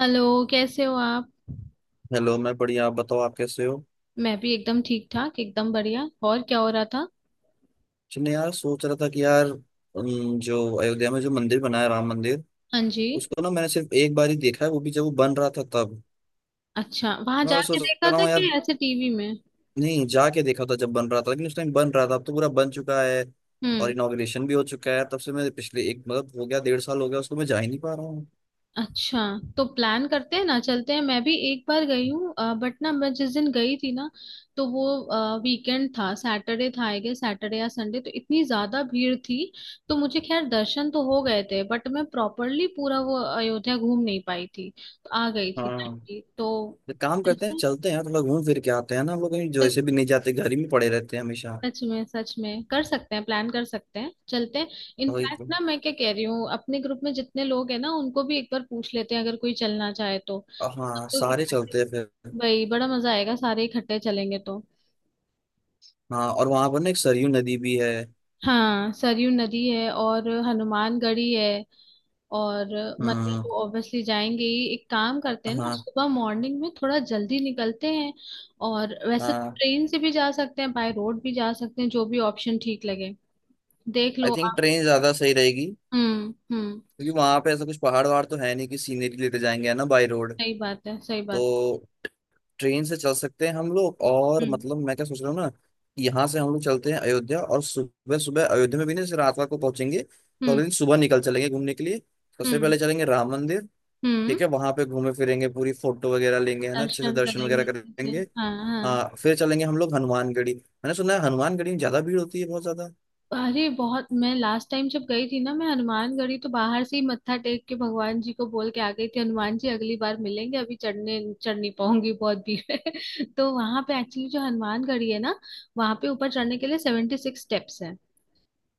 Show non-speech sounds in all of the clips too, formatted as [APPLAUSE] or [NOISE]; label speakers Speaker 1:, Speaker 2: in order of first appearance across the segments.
Speaker 1: Hello. कैसे हो आप?
Speaker 2: हेलो। मैं बढ़िया। आप बताओ आप कैसे हो।
Speaker 1: मैं भी एकदम ठीक ठाक, एकदम बढ़िया। और क्या हो रहा था?
Speaker 2: चलिए यार, सोच रहा था कि यार, जो अयोध्या में जो मंदिर बना है राम मंदिर,
Speaker 1: हाँ जी।
Speaker 2: उसको ना मैंने सिर्फ एक बार ही देखा है, वो भी जब वो बन रहा था तब।
Speaker 1: अच्छा, वहां
Speaker 2: मैं वही
Speaker 1: जाके
Speaker 2: सोच
Speaker 1: देखा
Speaker 2: रहा
Speaker 1: था
Speaker 2: हूँ यार।
Speaker 1: कि ऐसे टीवी में?
Speaker 2: नहीं जाके देखा था जब बन रहा था, लेकिन उस टाइम बन रहा था, अब तो पूरा बन चुका है। और
Speaker 1: हम्म।
Speaker 2: इनॉग्रेशन भी हो चुका है। तब से मैं पिछले एक मतलब हो गया 1.5 साल हो गया उसको, मैं जा ही नहीं पा रहा हूँ।
Speaker 1: अच्छा, तो प्लान करते हैं ना, चलते हैं। मैं भी एक बार गई हूँ बट ना, मैं जिस दिन गई थी ना, तो वो वीकेंड था, सैटरडे था आई गेस, सैटरडे या संडे। तो इतनी ज्यादा भीड़ थी, तो मुझे खैर दर्शन तो हो गए थे, बट मैं प्रॉपरली पूरा वो अयोध्या घूम नहीं पाई थी, तो आ गई
Speaker 2: हाँ,
Speaker 1: थी। तो
Speaker 2: तो काम करते हैं,
Speaker 1: चलते
Speaker 2: चलते हैं, थोड़ा घूम फिर के आते हैं ना। हम लोग कहीं
Speaker 1: हैं।
Speaker 2: जैसे भी नहीं जाते, घर ही में पड़े रहते हैं हमेशा।
Speaker 1: सच में, सच में कर सकते हैं, प्लान कर सकते हैं, चलते हैं।
Speaker 2: वही
Speaker 1: इनफैक्ट
Speaker 2: तो।
Speaker 1: ना, मैं क्या कह रही हूँ, अपने ग्रुप में जितने लोग हैं ना, उनको भी एक बार पूछ लेते हैं, अगर कोई चलना चाहे तो। सब
Speaker 2: हाँ,
Speaker 1: लोग
Speaker 2: सारे
Speaker 1: इकट्ठे,
Speaker 2: चलते हैं फिर।
Speaker 1: भाई बड़ा मजा आएगा सारे इकट्ठे चलेंगे तो।
Speaker 2: हाँ, और वहां पर ना एक सरयू नदी भी है।
Speaker 1: हाँ, सरयू नदी है और हनुमानगढ़ी है। और मंदिर तो
Speaker 2: हाँ,
Speaker 1: ऑब्वियसली जाएंगे ही। एक काम करते हैं ना,
Speaker 2: हाँ,
Speaker 1: सुबह मॉर्निंग में थोड़ा जल्दी निकलते हैं। और वैसे
Speaker 2: हाँ।
Speaker 1: ट्रेन से भी जा सकते हैं, बाय रोड भी जा सकते हैं, जो भी ऑप्शन ठीक लगे देख
Speaker 2: आई
Speaker 1: लो
Speaker 2: थिंक
Speaker 1: आप।
Speaker 2: ट्रेन ज्यादा सही रहेगी,
Speaker 1: हम्म, हम्म।
Speaker 2: क्योंकि वहां पे ऐसा कुछ पहाड़ वहाड़ तो है नहीं कि सीनरी लेते जाएंगे है ना, बाई रोड।
Speaker 1: सही बात है, सही
Speaker 2: तो
Speaker 1: बात।
Speaker 2: ट्रेन से चल सकते हैं हम लोग। और
Speaker 1: हम्म,
Speaker 2: मतलब मैं क्या सोच रहा हूँ ना कि यहाँ से हम लोग चलते हैं अयोध्या, और सुबह सुबह अयोध्या में भी ना, जैसे रात रात को पहुंचेंगे तो
Speaker 1: हम्म।
Speaker 2: अगले दिन सुबह निकल चलेंगे घूमने के लिए। सबसे
Speaker 1: हम्म,
Speaker 2: पहले चलेंगे राम मंदिर।
Speaker 1: हम्म।
Speaker 2: ठीक है, वहां पे घूमे फिरेंगे, पूरी फोटो वगैरह लेंगे है ना, अच्छे से
Speaker 1: दर्शन
Speaker 2: दर्शन
Speaker 1: करेंगे
Speaker 2: वगैरह
Speaker 1: अच्छे से।
Speaker 2: करेंगे।
Speaker 1: हाँ हाँ।
Speaker 2: हाँ, फिर चलेंगे हम लोग हनुमानगढ़ी। मैंने सुना है हनुमानगढ़ी में ज्यादा भीड़ होती है, बहुत ज्यादा।
Speaker 1: अरे बहुत, मैं लास्ट टाइम जब गई थी ना, मैं हनुमानगढ़ी तो बाहर से ही मत्था टेक के भगवान जी को बोल के आ गई थी, हनुमान जी अगली बार मिलेंगे, अभी चढ़ नहीं पाऊंगी, बहुत भीड़ है। [LAUGHS] तो वहां पे एक्चुअली जो हनुमानगढ़ी है ना, वहां पे ऊपर चढ़ने के लिए 76 स्टेप्स है।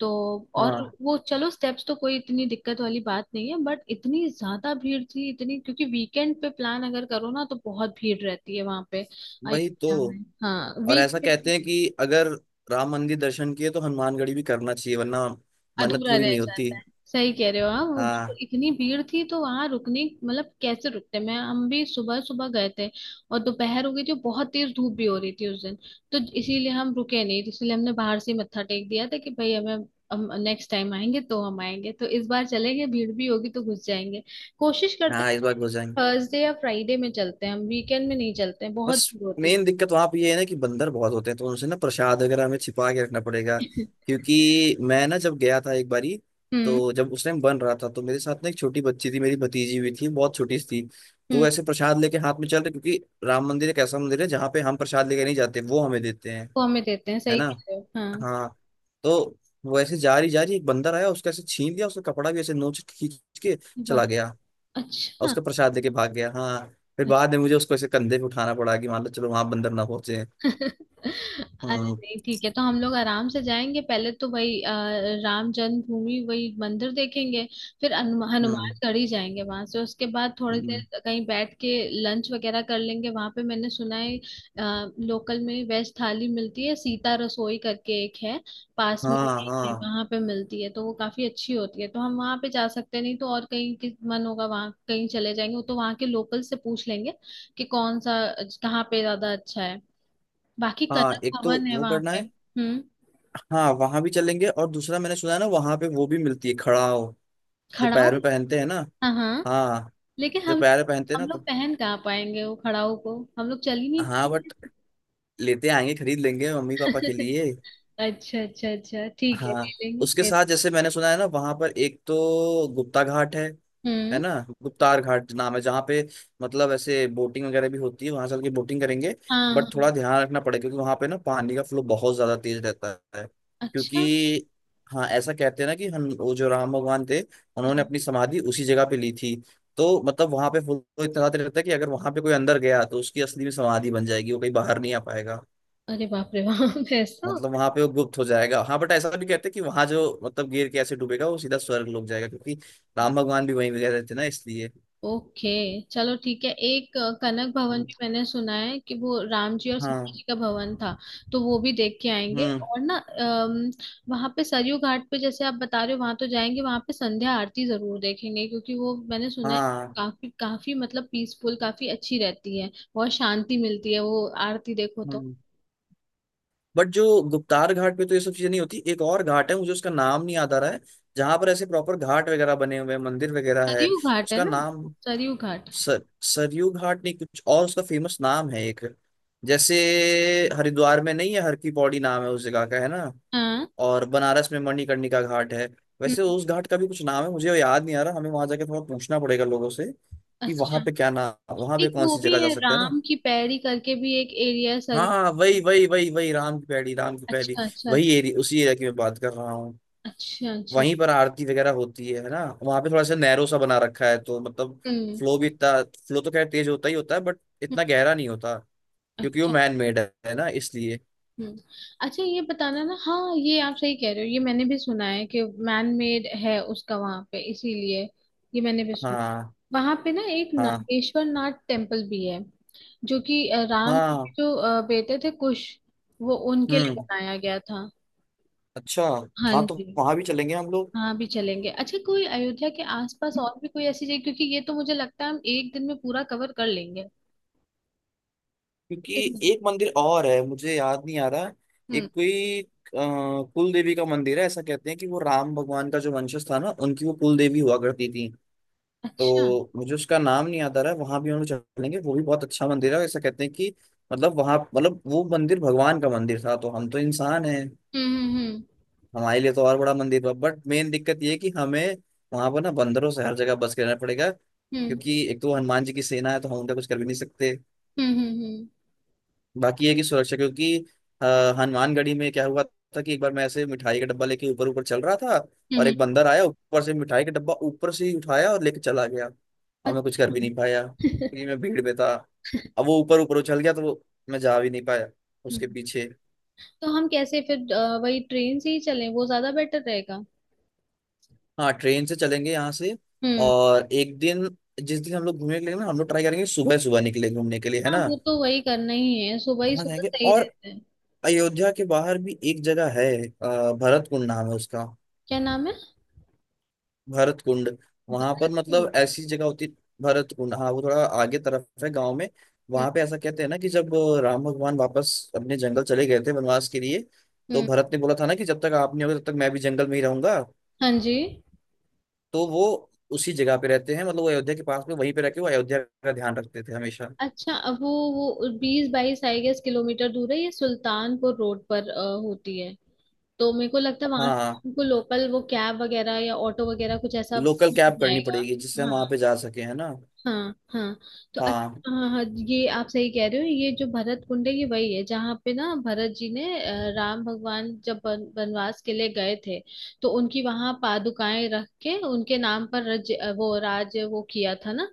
Speaker 1: तो और
Speaker 2: हाँ,
Speaker 1: वो चलो, स्टेप्स तो कोई इतनी दिक्कत वाली बात नहीं है, बट इतनी ज्यादा भीड़ थी इतनी, क्योंकि वीकेंड पे प्लान अगर करो ना तो बहुत भीड़ रहती है वहां पे,
Speaker 2: वही तो।
Speaker 1: अयोध्या में। हाँ,
Speaker 2: और
Speaker 1: वीक।
Speaker 2: ऐसा कहते हैं कि अगर राम मंदिर दर्शन किए तो हनुमानगढ़ी भी करना चाहिए, वरना मन्नत
Speaker 1: अधूरा
Speaker 2: पूरी
Speaker 1: रह
Speaker 2: नहीं होती।
Speaker 1: जाता है, सही कह रहे हो आप। वो
Speaker 2: हाँ,
Speaker 1: इतनी भीड़ थी, तो वहां रुकने मतलब कैसे रुकते, मैं हम भी सुबह सुबह गए थे और दोपहर हो गई थी और बहुत तेज धूप भी हो रही थी उस दिन। तो इसीलिए हम रुके नहीं, इसीलिए हमने बाहर से ही मत्था टेक दिया था कि भाई हमें हम नेक्स्ट टाइम आएंगे, तो हम आएंगे तो इस बार चलेंगे, भीड़ भी होगी तो घुस जाएंगे, कोशिश करते हैं।
Speaker 2: हाँ, इस बार हो जाएंगे।
Speaker 1: थर्सडे या फ्राइडे में चलते हैं हम, वीकेंड में नहीं चलते हैं, बहुत
Speaker 2: बस
Speaker 1: भीड़ होती
Speaker 2: मेन दिक्कत वहां पे ये है ना कि बंदर बहुत होते हैं, तो उनसे ना प्रसाद वगैरह हमें छिपा के रखना पड़ेगा।
Speaker 1: है। [LAUGHS]
Speaker 2: क्योंकि मैं ना जब गया था एक बारी,
Speaker 1: हम्म,
Speaker 2: तो जब उस टाइम बन रहा था, तो मेरे साथ ना एक छोटी बच्ची थी, मेरी भतीजी हुई थी, बहुत छोटी सी थी। तो वो
Speaker 1: हम्म।
Speaker 2: ऐसे प्रसाद लेके हाथ में चल रहे, क्योंकि राम मंदिर एक ऐसा मंदिर है जहाँ पे हम प्रसाद लेके नहीं जाते, वो हमें देते हैं,
Speaker 1: वो हमें देते हैं,
Speaker 2: है
Speaker 1: सही
Speaker 2: ना।
Speaker 1: कह रहे हो, हाँ।
Speaker 2: हाँ। तो वो ऐसे जा रही जा रही, एक बंदर आया, उसका ऐसे छीन लिया, उसका कपड़ा भी ऐसे नोच के खींच के चला
Speaker 1: बाप।
Speaker 2: गया। और
Speaker 1: अच्छा।
Speaker 2: उसका प्रसाद लेके भाग गया। हाँ, फिर बाद में मुझे उसको ऐसे कंधे पे उठाना पड़ा कि मान लो चलो वहां बंदर ना पहुंचे।
Speaker 1: अरे
Speaker 2: हम्म,
Speaker 1: नहीं ठीक है, तो हम लोग आराम से जाएंगे, पहले तो वही राम जन्मभूमि वही मंदिर देखेंगे, फिर
Speaker 2: हम्म,
Speaker 1: हनुमानगढ़ी जाएंगे, वहां से उसके बाद थोड़ी
Speaker 2: हम्म,
Speaker 1: देर कहीं बैठ के लंच वगैरह कर लेंगे। वहां पे मैंने सुना है लोकल में वेज थाली मिलती है, सीता रसोई करके एक है, पास में ही
Speaker 2: हाँ,
Speaker 1: एक है,
Speaker 2: हाँ,
Speaker 1: वहां पे मिलती है, तो वो काफी अच्छी होती है, तो हम वहां पे जा सकते हैं, नहीं तो और कहीं मन होगा वहां कहीं चले जाएंगे, वो तो वहां के लोकल से पूछ लेंगे कि कौन सा, कहाँ पे ज्यादा अच्छा है। बाकी कनक
Speaker 2: हाँ, एक तो
Speaker 1: भवन है
Speaker 2: वो
Speaker 1: वहां
Speaker 2: करना
Speaker 1: पे।
Speaker 2: है।
Speaker 1: हम्म।
Speaker 2: हाँ, वहां भी चलेंगे। और दूसरा मैंने सुना है ना, वहां पे वो भी मिलती है खड़ाओ, जो
Speaker 1: खड़ाऊ।
Speaker 2: पैर में पहनते हैं ना।
Speaker 1: हाँ हाँ,
Speaker 2: हाँ,
Speaker 1: लेकिन
Speaker 2: जो पैर में पहनते हैं
Speaker 1: हम
Speaker 2: ना, तो
Speaker 1: लोग पहन कहाँ पाएंगे वो खड़ाऊ को, हम लोग चल ही नहीं
Speaker 2: हाँ,
Speaker 1: पाएंगे।
Speaker 2: बट लेते आएंगे, खरीद लेंगे मम्मी पापा के
Speaker 1: [LAUGHS]
Speaker 2: लिए।
Speaker 1: अच्छा अच्छा अच्छा, ठीक है,
Speaker 2: हाँ,
Speaker 1: ले लेंगे
Speaker 2: उसके
Speaker 1: फिर।
Speaker 2: साथ जैसे मैंने सुना है ना, वहां पर एक तो गुप्ता घाट है
Speaker 1: हम्म।
Speaker 2: ना। गुप्तार घाट नाम है, जहाँ पे मतलब ऐसे बोटिंग वगैरह भी होती है। वहां चल के बोटिंग करेंगे।
Speaker 1: हाँ हाँ।
Speaker 2: बट थोड़ा ध्यान रखना पड़ेगा, क्योंकि वहां पे ना पानी का फ्लो बहुत ज्यादा तेज रहता है।
Speaker 1: अच्छा।
Speaker 2: क्योंकि हाँ, ऐसा कहते हैं ना कि हम वो जो राम भगवान थे, उन्होंने
Speaker 1: हम्म।
Speaker 2: अपनी समाधि उसी जगह पे ली थी। तो मतलब वहां पे फ्लो इतना ज्यादा रहता है कि अगर वहां पे कोई अंदर गया तो उसकी असली में समाधि बन जाएगी, वो कहीं बाहर नहीं आ पाएगा।
Speaker 1: अरे बाप रे बाप। [LAUGHS] ऐसा।
Speaker 2: मतलब वहां पे वो गुप्त हो जाएगा। हाँ, बट ऐसा भी कहते हैं कि वहां जो मतलब गिर के ऐसे डूबेगा वो सीधा स्वर्ग लोग जाएगा, क्योंकि राम भगवान भी वहीं गए थे ना, इसलिए।
Speaker 1: ओके, चलो ठीक है। एक कनक भवन भी मैंने सुना है कि वो राम जी और
Speaker 2: हाँ,
Speaker 1: सीता जी का भवन था, तो वो भी देख के आएंगे।
Speaker 2: हम्म।
Speaker 1: और ना वहां पे सरयू घाट पे, जैसे आप बता रहे हो, वहां तो जाएंगे, वहां पे संध्या आरती जरूर देखेंगे, क्योंकि वो मैंने सुना है कि
Speaker 2: हाँ,
Speaker 1: काफी काफी मतलब पीसफुल, काफी अच्छी रहती है, बहुत शांति मिलती है वो आरती देखो तो।
Speaker 2: हम्म। बट जो गुप्तार घाट पे तो ये सब चीजें नहीं होती। एक और घाट है, मुझे उसका नाम नहीं याद आ रहा है, जहां पर ऐसे प्रॉपर घाट वगैरह बने हुए हैं, मंदिर वगैरह है।
Speaker 1: सरयू घाट है
Speaker 2: उसका
Speaker 1: ना।
Speaker 2: नाम
Speaker 1: सरयू घाट।
Speaker 2: सर सरयू घाट नहीं, कुछ और उसका फेमस नाम है एक। जैसे हरिद्वार में नहीं है हर की पौड़ी नाम है उस जगह का, है ना।
Speaker 1: हाँ।
Speaker 2: और बनारस में मणिकर्णिका घाट है, वैसे
Speaker 1: हम्म।
Speaker 2: उस घाट का भी कुछ नाम है, मुझे याद नहीं आ रहा। हमें वहां जाके थोड़ा पूछना पड़ेगा लोगों से कि वहां
Speaker 1: अच्छा,
Speaker 2: पे क्या नाम, वहां पे
Speaker 1: एक
Speaker 2: कौन
Speaker 1: वो
Speaker 2: सी
Speaker 1: भी
Speaker 2: जगह जा
Speaker 1: है
Speaker 2: सकते हैं ना।
Speaker 1: राम की पैड़ी करके भी एक एरिया है
Speaker 2: हाँ,
Speaker 1: सरयू।
Speaker 2: हाँ, वही वही वही वही राम की पैड़ी, राम की पैड़ी।
Speaker 1: अच्छा अच्छा।
Speaker 2: वही एरिया, उसी एरिया की मैं बात कर रहा हूँ।
Speaker 1: अच्छा अच्छा।
Speaker 2: वहीं पर आरती वगैरह होती है ना। वहां पे थोड़ा सा नैरो सा बना रखा है, तो मतलब
Speaker 1: हम्म,
Speaker 2: फ्लो भी इतना फ्लो तो खैर तेज होता ही होता है, बट
Speaker 1: हम्म।
Speaker 2: इतना गहरा नहीं होता। क्योंकि वो
Speaker 1: अच्छा।
Speaker 2: मैन मेड है ना, इसलिए।
Speaker 1: हम्म। अच्छा, ये बताना ना। हाँ, ये आप सही कह रहे हो, ये मैंने भी सुना है कि मैन मेड है उसका वहां पे, इसीलिए। ये मैंने भी सुना,
Speaker 2: हाँ,
Speaker 1: वहां पे ना एक
Speaker 2: हाँ,
Speaker 1: नागेश्वर नाथ टेम्पल भी है, जो कि राम के
Speaker 2: हाँ,
Speaker 1: जो बेटे थे कुश, वो उनके लिए
Speaker 2: हम्म,
Speaker 1: बनाया गया था।
Speaker 2: अच्छा।
Speaker 1: हाँ
Speaker 2: हाँ,
Speaker 1: जी।
Speaker 2: तो वहां भी चलेंगे हम लोग।
Speaker 1: हाँ भी चलेंगे। अच्छा, कोई अयोध्या के आसपास और भी कोई ऐसी जगह? क्योंकि ये तो मुझे लगता है हम एक दिन में पूरा कवर कर लेंगे।
Speaker 2: क्योंकि
Speaker 1: कितना?
Speaker 2: एक मंदिर और है मुझे याद नहीं आ रहा।
Speaker 1: हम्म।
Speaker 2: एक कोई कुल देवी का मंदिर है, ऐसा कहते हैं कि वो राम भगवान का जो वंशज था ना, उनकी वो कुल देवी हुआ करती थी।
Speaker 1: अच्छा।
Speaker 2: तो मुझे उसका नाम नहीं याद आ रहा है। वहां भी हम लोग चलेंगे, वो भी बहुत अच्छा मंदिर है। ऐसा कहते हैं कि मतलब वहां मतलब वो मंदिर भगवान का मंदिर था, तो हम तो इंसान हैं।
Speaker 1: हम्म, हम्म, हम्म,
Speaker 2: हमारे लिए तो और बड़ा मंदिर था। बट मेन दिक्कत ये है कि हमें वहां पर ना बंदरों से हर जगह बच के रहना पड़ेगा,
Speaker 1: हम्म।
Speaker 2: क्योंकि एक तो हनुमान जी की सेना है, तो हम उनका कुछ कर भी नहीं सकते।
Speaker 1: हम्म, हम्म, हम्म,
Speaker 2: बाकी है कि सुरक्षा, क्योंकि अ, हनुमानगढ़ी में क्या हुआ था कि एक बार मैं ऐसे मिठाई का डब्बा लेके ऊपर ऊपर चल रहा था।
Speaker 1: हम्म।
Speaker 2: और एक
Speaker 1: हम्म।
Speaker 2: बंदर आया ऊपर से, मिठाई का डब्बा ऊपर से ही उठाया और लेके चला गया। और मैं कुछ कर
Speaker 1: अच्छा।
Speaker 2: भी नहीं पाया
Speaker 1: [LAUGHS]
Speaker 2: क्योंकि मैं भीड़ में था। अब वो ऊपर ऊपर उछल गया, तो वो मैं जा भी नहीं पाया उसके
Speaker 1: हम्म,
Speaker 2: पीछे।
Speaker 1: तो हम कैसे फिर, वही ट्रेन से ही चलें, वो ज्यादा बेटर रहेगा।
Speaker 2: हाँ, ट्रेन से चलेंगे यहाँ से।
Speaker 1: हम्म।
Speaker 2: और एक दिन, जिस दिन हम लोग घूमने के लिए ना, हम लोग ट्राई करेंगे सुबह सुबह निकले घूमने के लिए, है
Speaker 1: हाँ,
Speaker 2: ना।
Speaker 1: वो तो वही करना ही है, सुबह ही
Speaker 2: वहाँ
Speaker 1: सुबह
Speaker 2: जाएंगे।
Speaker 1: सही
Speaker 2: और
Speaker 1: रहता है।
Speaker 2: अयोध्या के बाहर भी एक जगह है भरत कुंड नाम है उसका।
Speaker 1: क्या नाम है?
Speaker 2: भरत कुंड, वहां पर
Speaker 1: भरतपुर।
Speaker 2: मतलब ऐसी जगह होती। भरत कुंड, हाँ वो थोड़ा आगे तरफ है गांव में।
Speaker 1: हम्म,
Speaker 2: वहां पे ऐसा कहते हैं ना कि जब राम भगवान वापस अपने जंगल चले गए थे वनवास के लिए, तो
Speaker 1: हम्म।
Speaker 2: भरत ने बोला था ना कि जब तक आप नहीं होगे तब तक मैं भी जंगल में ही रहूंगा।
Speaker 1: हाँ जी।
Speaker 2: तो वो उसी जगह पे रहते हैं, मतलब वो अयोध्या के पास में वहीं पे रह के वो अयोध्या का ध्यान रखते थे हमेशा।
Speaker 1: अच्छा, अब वो 20-22 आई गेस किलोमीटर दूर है, ये सुल्तानपुर रोड पर होती है, तो मेरे को लगता है वहां
Speaker 2: हाँ,
Speaker 1: को लोकल वो कैब वगैरह या ऑटो वगैरह कुछ ऐसा
Speaker 2: लोकल
Speaker 1: मिल
Speaker 2: कैब करनी
Speaker 1: जाएगा।
Speaker 2: पड़ेगी जिससे हम
Speaker 1: हाँ।
Speaker 2: वहां पे जा सके, है ना।
Speaker 1: हाँ हाँ। तो
Speaker 2: हाँ,
Speaker 1: हाँ हाँ। ये आप सही कह रहे हो, ये जो भरत कुंड है, ये वही है जहाँ पे ना भरत जी ने राम भगवान जब वनवास के लिए गए थे, तो उनकी वहां पादुकाएं रख के उनके नाम पर वो राज वो किया था ना,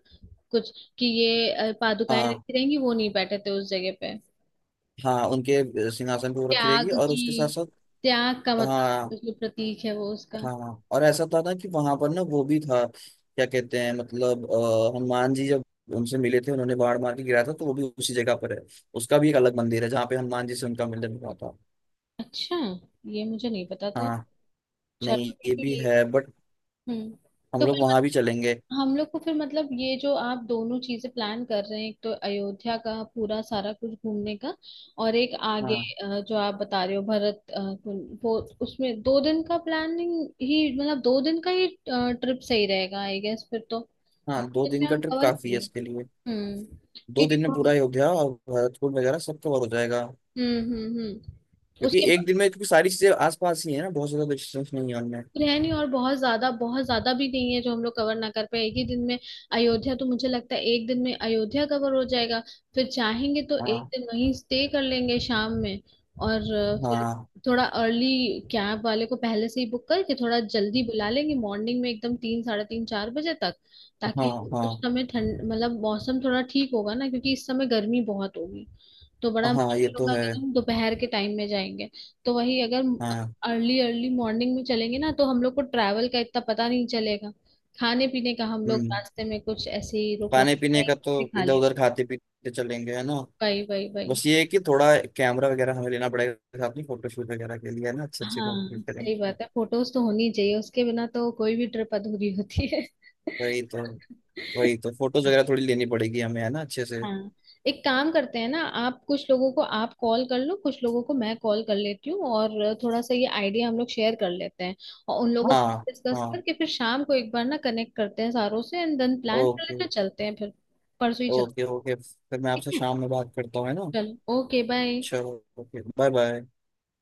Speaker 1: कुछ कि ये पादुकाएं
Speaker 2: हाँ,
Speaker 1: रखी रहेंगी, वो नहीं बैठे थे उस जगह पे।
Speaker 2: हाँ, उनके सिंहासन पे वो रखी रहेगी,
Speaker 1: त्याग
Speaker 2: और
Speaker 1: की
Speaker 2: उसके साथ साथ।
Speaker 1: त्याग का मतलब
Speaker 2: हाँ,
Speaker 1: जो प्रतीक है वो उसका।
Speaker 2: हाँ, हाँ और ऐसा था ना कि वहां पर ना वो भी था क्या कहते हैं मतलब हनुमान जी जब उनसे मिले थे, उन्होंने बाण मार के गिराया था, तो वो भी उसी जगह पर है। उसका भी एक अलग मंदिर है जहाँ पे हनुमान जी से उनका मिलन हुआ था।
Speaker 1: अच्छा, ये मुझे नहीं पता था।
Speaker 2: हाँ, नहीं
Speaker 1: चलो ठीक
Speaker 2: ये
Speaker 1: है
Speaker 2: भी
Speaker 1: ये।
Speaker 2: है बट
Speaker 1: हम्म।
Speaker 2: हम
Speaker 1: तो
Speaker 2: लोग
Speaker 1: फिर
Speaker 2: वहां भी चलेंगे।
Speaker 1: हम लोग को फिर, मतलब ये जो आप दोनों चीजें प्लान कर रहे हैं, एक तो अयोध्या का पूरा सारा कुछ घूमने का, और एक आगे
Speaker 2: हाँ,
Speaker 1: जो आप बता रहे हो भरत कुंड, वो उसमें 2 दिन का प्लानिंग ही, मतलब 2 दिन का ही ट्रिप सही रहेगा आई गेस फिर तो।
Speaker 2: हाँ, दो
Speaker 1: दिन में
Speaker 2: दिन का
Speaker 1: हम
Speaker 2: ट्रिप
Speaker 1: कवर कर
Speaker 2: काफी है इसके
Speaker 1: लेंगे।
Speaker 2: लिए।
Speaker 1: हम्म।
Speaker 2: दो
Speaker 1: क्योंकि,
Speaker 2: दिन में पूरा अयोध्या और भरतपुर वगैरह सब कवर हो जाएगा।
Speaker 1: हम्म,
Speaker 2: क्योंकि
Speaker 1: उसके
Speaker 2: एक दिन में, क्योंकि सारी चीजें आसपास ही है ना, बहुत ज्यादा डिस्टेंस नहीं है उनमें।
Speaker 1: है नहीं। और बहुत ज्यादा भी नहीं है जो हम लोग कवर ना कर पाए एक ही दिन में। अयोध्या तो मुझे लगता है 1 दिन में अयोध्या कवर हो जाएगा। फिर चाहेंगे तो एक
Speaker 2: हाँ,
Speaker 1: दिन वहीं स्टे कर लेंगे शाम में, और फिर
Speaker 2: हाँ,
Speaker 1: थोड़ा अर्ली, कैब वाले को पहले से ही बुक करके थोड़ा जल्दी बुला लेंगे मॉर्निंग में, एकदम 3, 3:30, 4 बजे तक।
Speaker 2: हाँ,
Speaker 1: ताकि
Speaker 2: हाँ,
Speaker 1: उस समय ठंड, मतलब मौसम थोड़ा ठीक होगा ना, क्योंकि इस समय गर्मी बहुत होगी, तो बड़ा
Speaker 2: हाँ, ये
Speaker 1: मुश्किल
Speaker 2: तो
Speaker 1: होगा
Speaker 2: है।
Speaker 1: अगर हम दोपहर के टाइम में जाएंगे। तो वही अगर
Speaker 2: हाँ,
Speaker 1: अर्ली अर्ली मॉर्निंग में चलेंगे ना, तो हम लोग को ट्रैवल का इतना पता नहीं चलेगा। खाने पीने का हम लोग
Speaker 2: हम्म,
Speaker 1: रास्ते में कुछ ऐसे ही रुक रुक
Speaker 2: खाने पीने
Speaker 1: के
Speaker 2: का तो
Speaker 1: कुछ भी खा
Speaker 2: इधर
Speaker 1: ले।
Speaker 2: उधर खाते पीते चलेंगे है ना।
Speaker 1: वही वही वही।
Speaker 2: बस ये है कि थोड़ा कैमरा वगैरह हमें लेना पड़ेगा साथ में फोटोशूट वगैरह के लिए, है ना। अच्छे अच्छे फोटो
Speaker 1: हाँ
Speaker 2: शूट
Speaker 1: सही
Speaker 2: करेंगे।
Speaker 1: बात है, फोटोज तो होनी चाहिए, उसके बिना तो कोई भी ट्रिप अधूरी होती है।
Speaker 2: वही तो, वही
Speaker 1: [LAUGHS]
Speaker 2: तो फोटोज वगैरह थोड़ी लेनी पड़ेगी हमें है ना, अच्छे से।
Speaker 1: हाँ, एक काम करते हैं ना, आप कुछ लोगों को आप कॉल कर लो, कुछ लोगों को मैं कॉल कर लेती हूँ, और थोड़ा सा ये आइडिया हम लोग शेयर कर लेते हैं और उन लोगों से
Speaker 2: हाँ,
Speaker 1: डिस्कस
Speaker 2: हाँ,
Speaker 1: करके फिर शाम को एक बार ना कनेक्ट करते हैं सारों से एंड देन प्लान कर
Speaker 2: ओके,
Speaker 1: लेते हैं, चलते हैं फिर। परसों ही चलते
Speaker 2: ओके। ओके, फिर मैं
Speaker 1: हैं। ठीक
Speaker 2: आपसे
Speaker 1: है।
Speaker 2: शाम में बात करता हूँ है ना।
Speaker 1: चलो, ओके बाय।
Speaker 2: चलो, ओके, बाय बाय।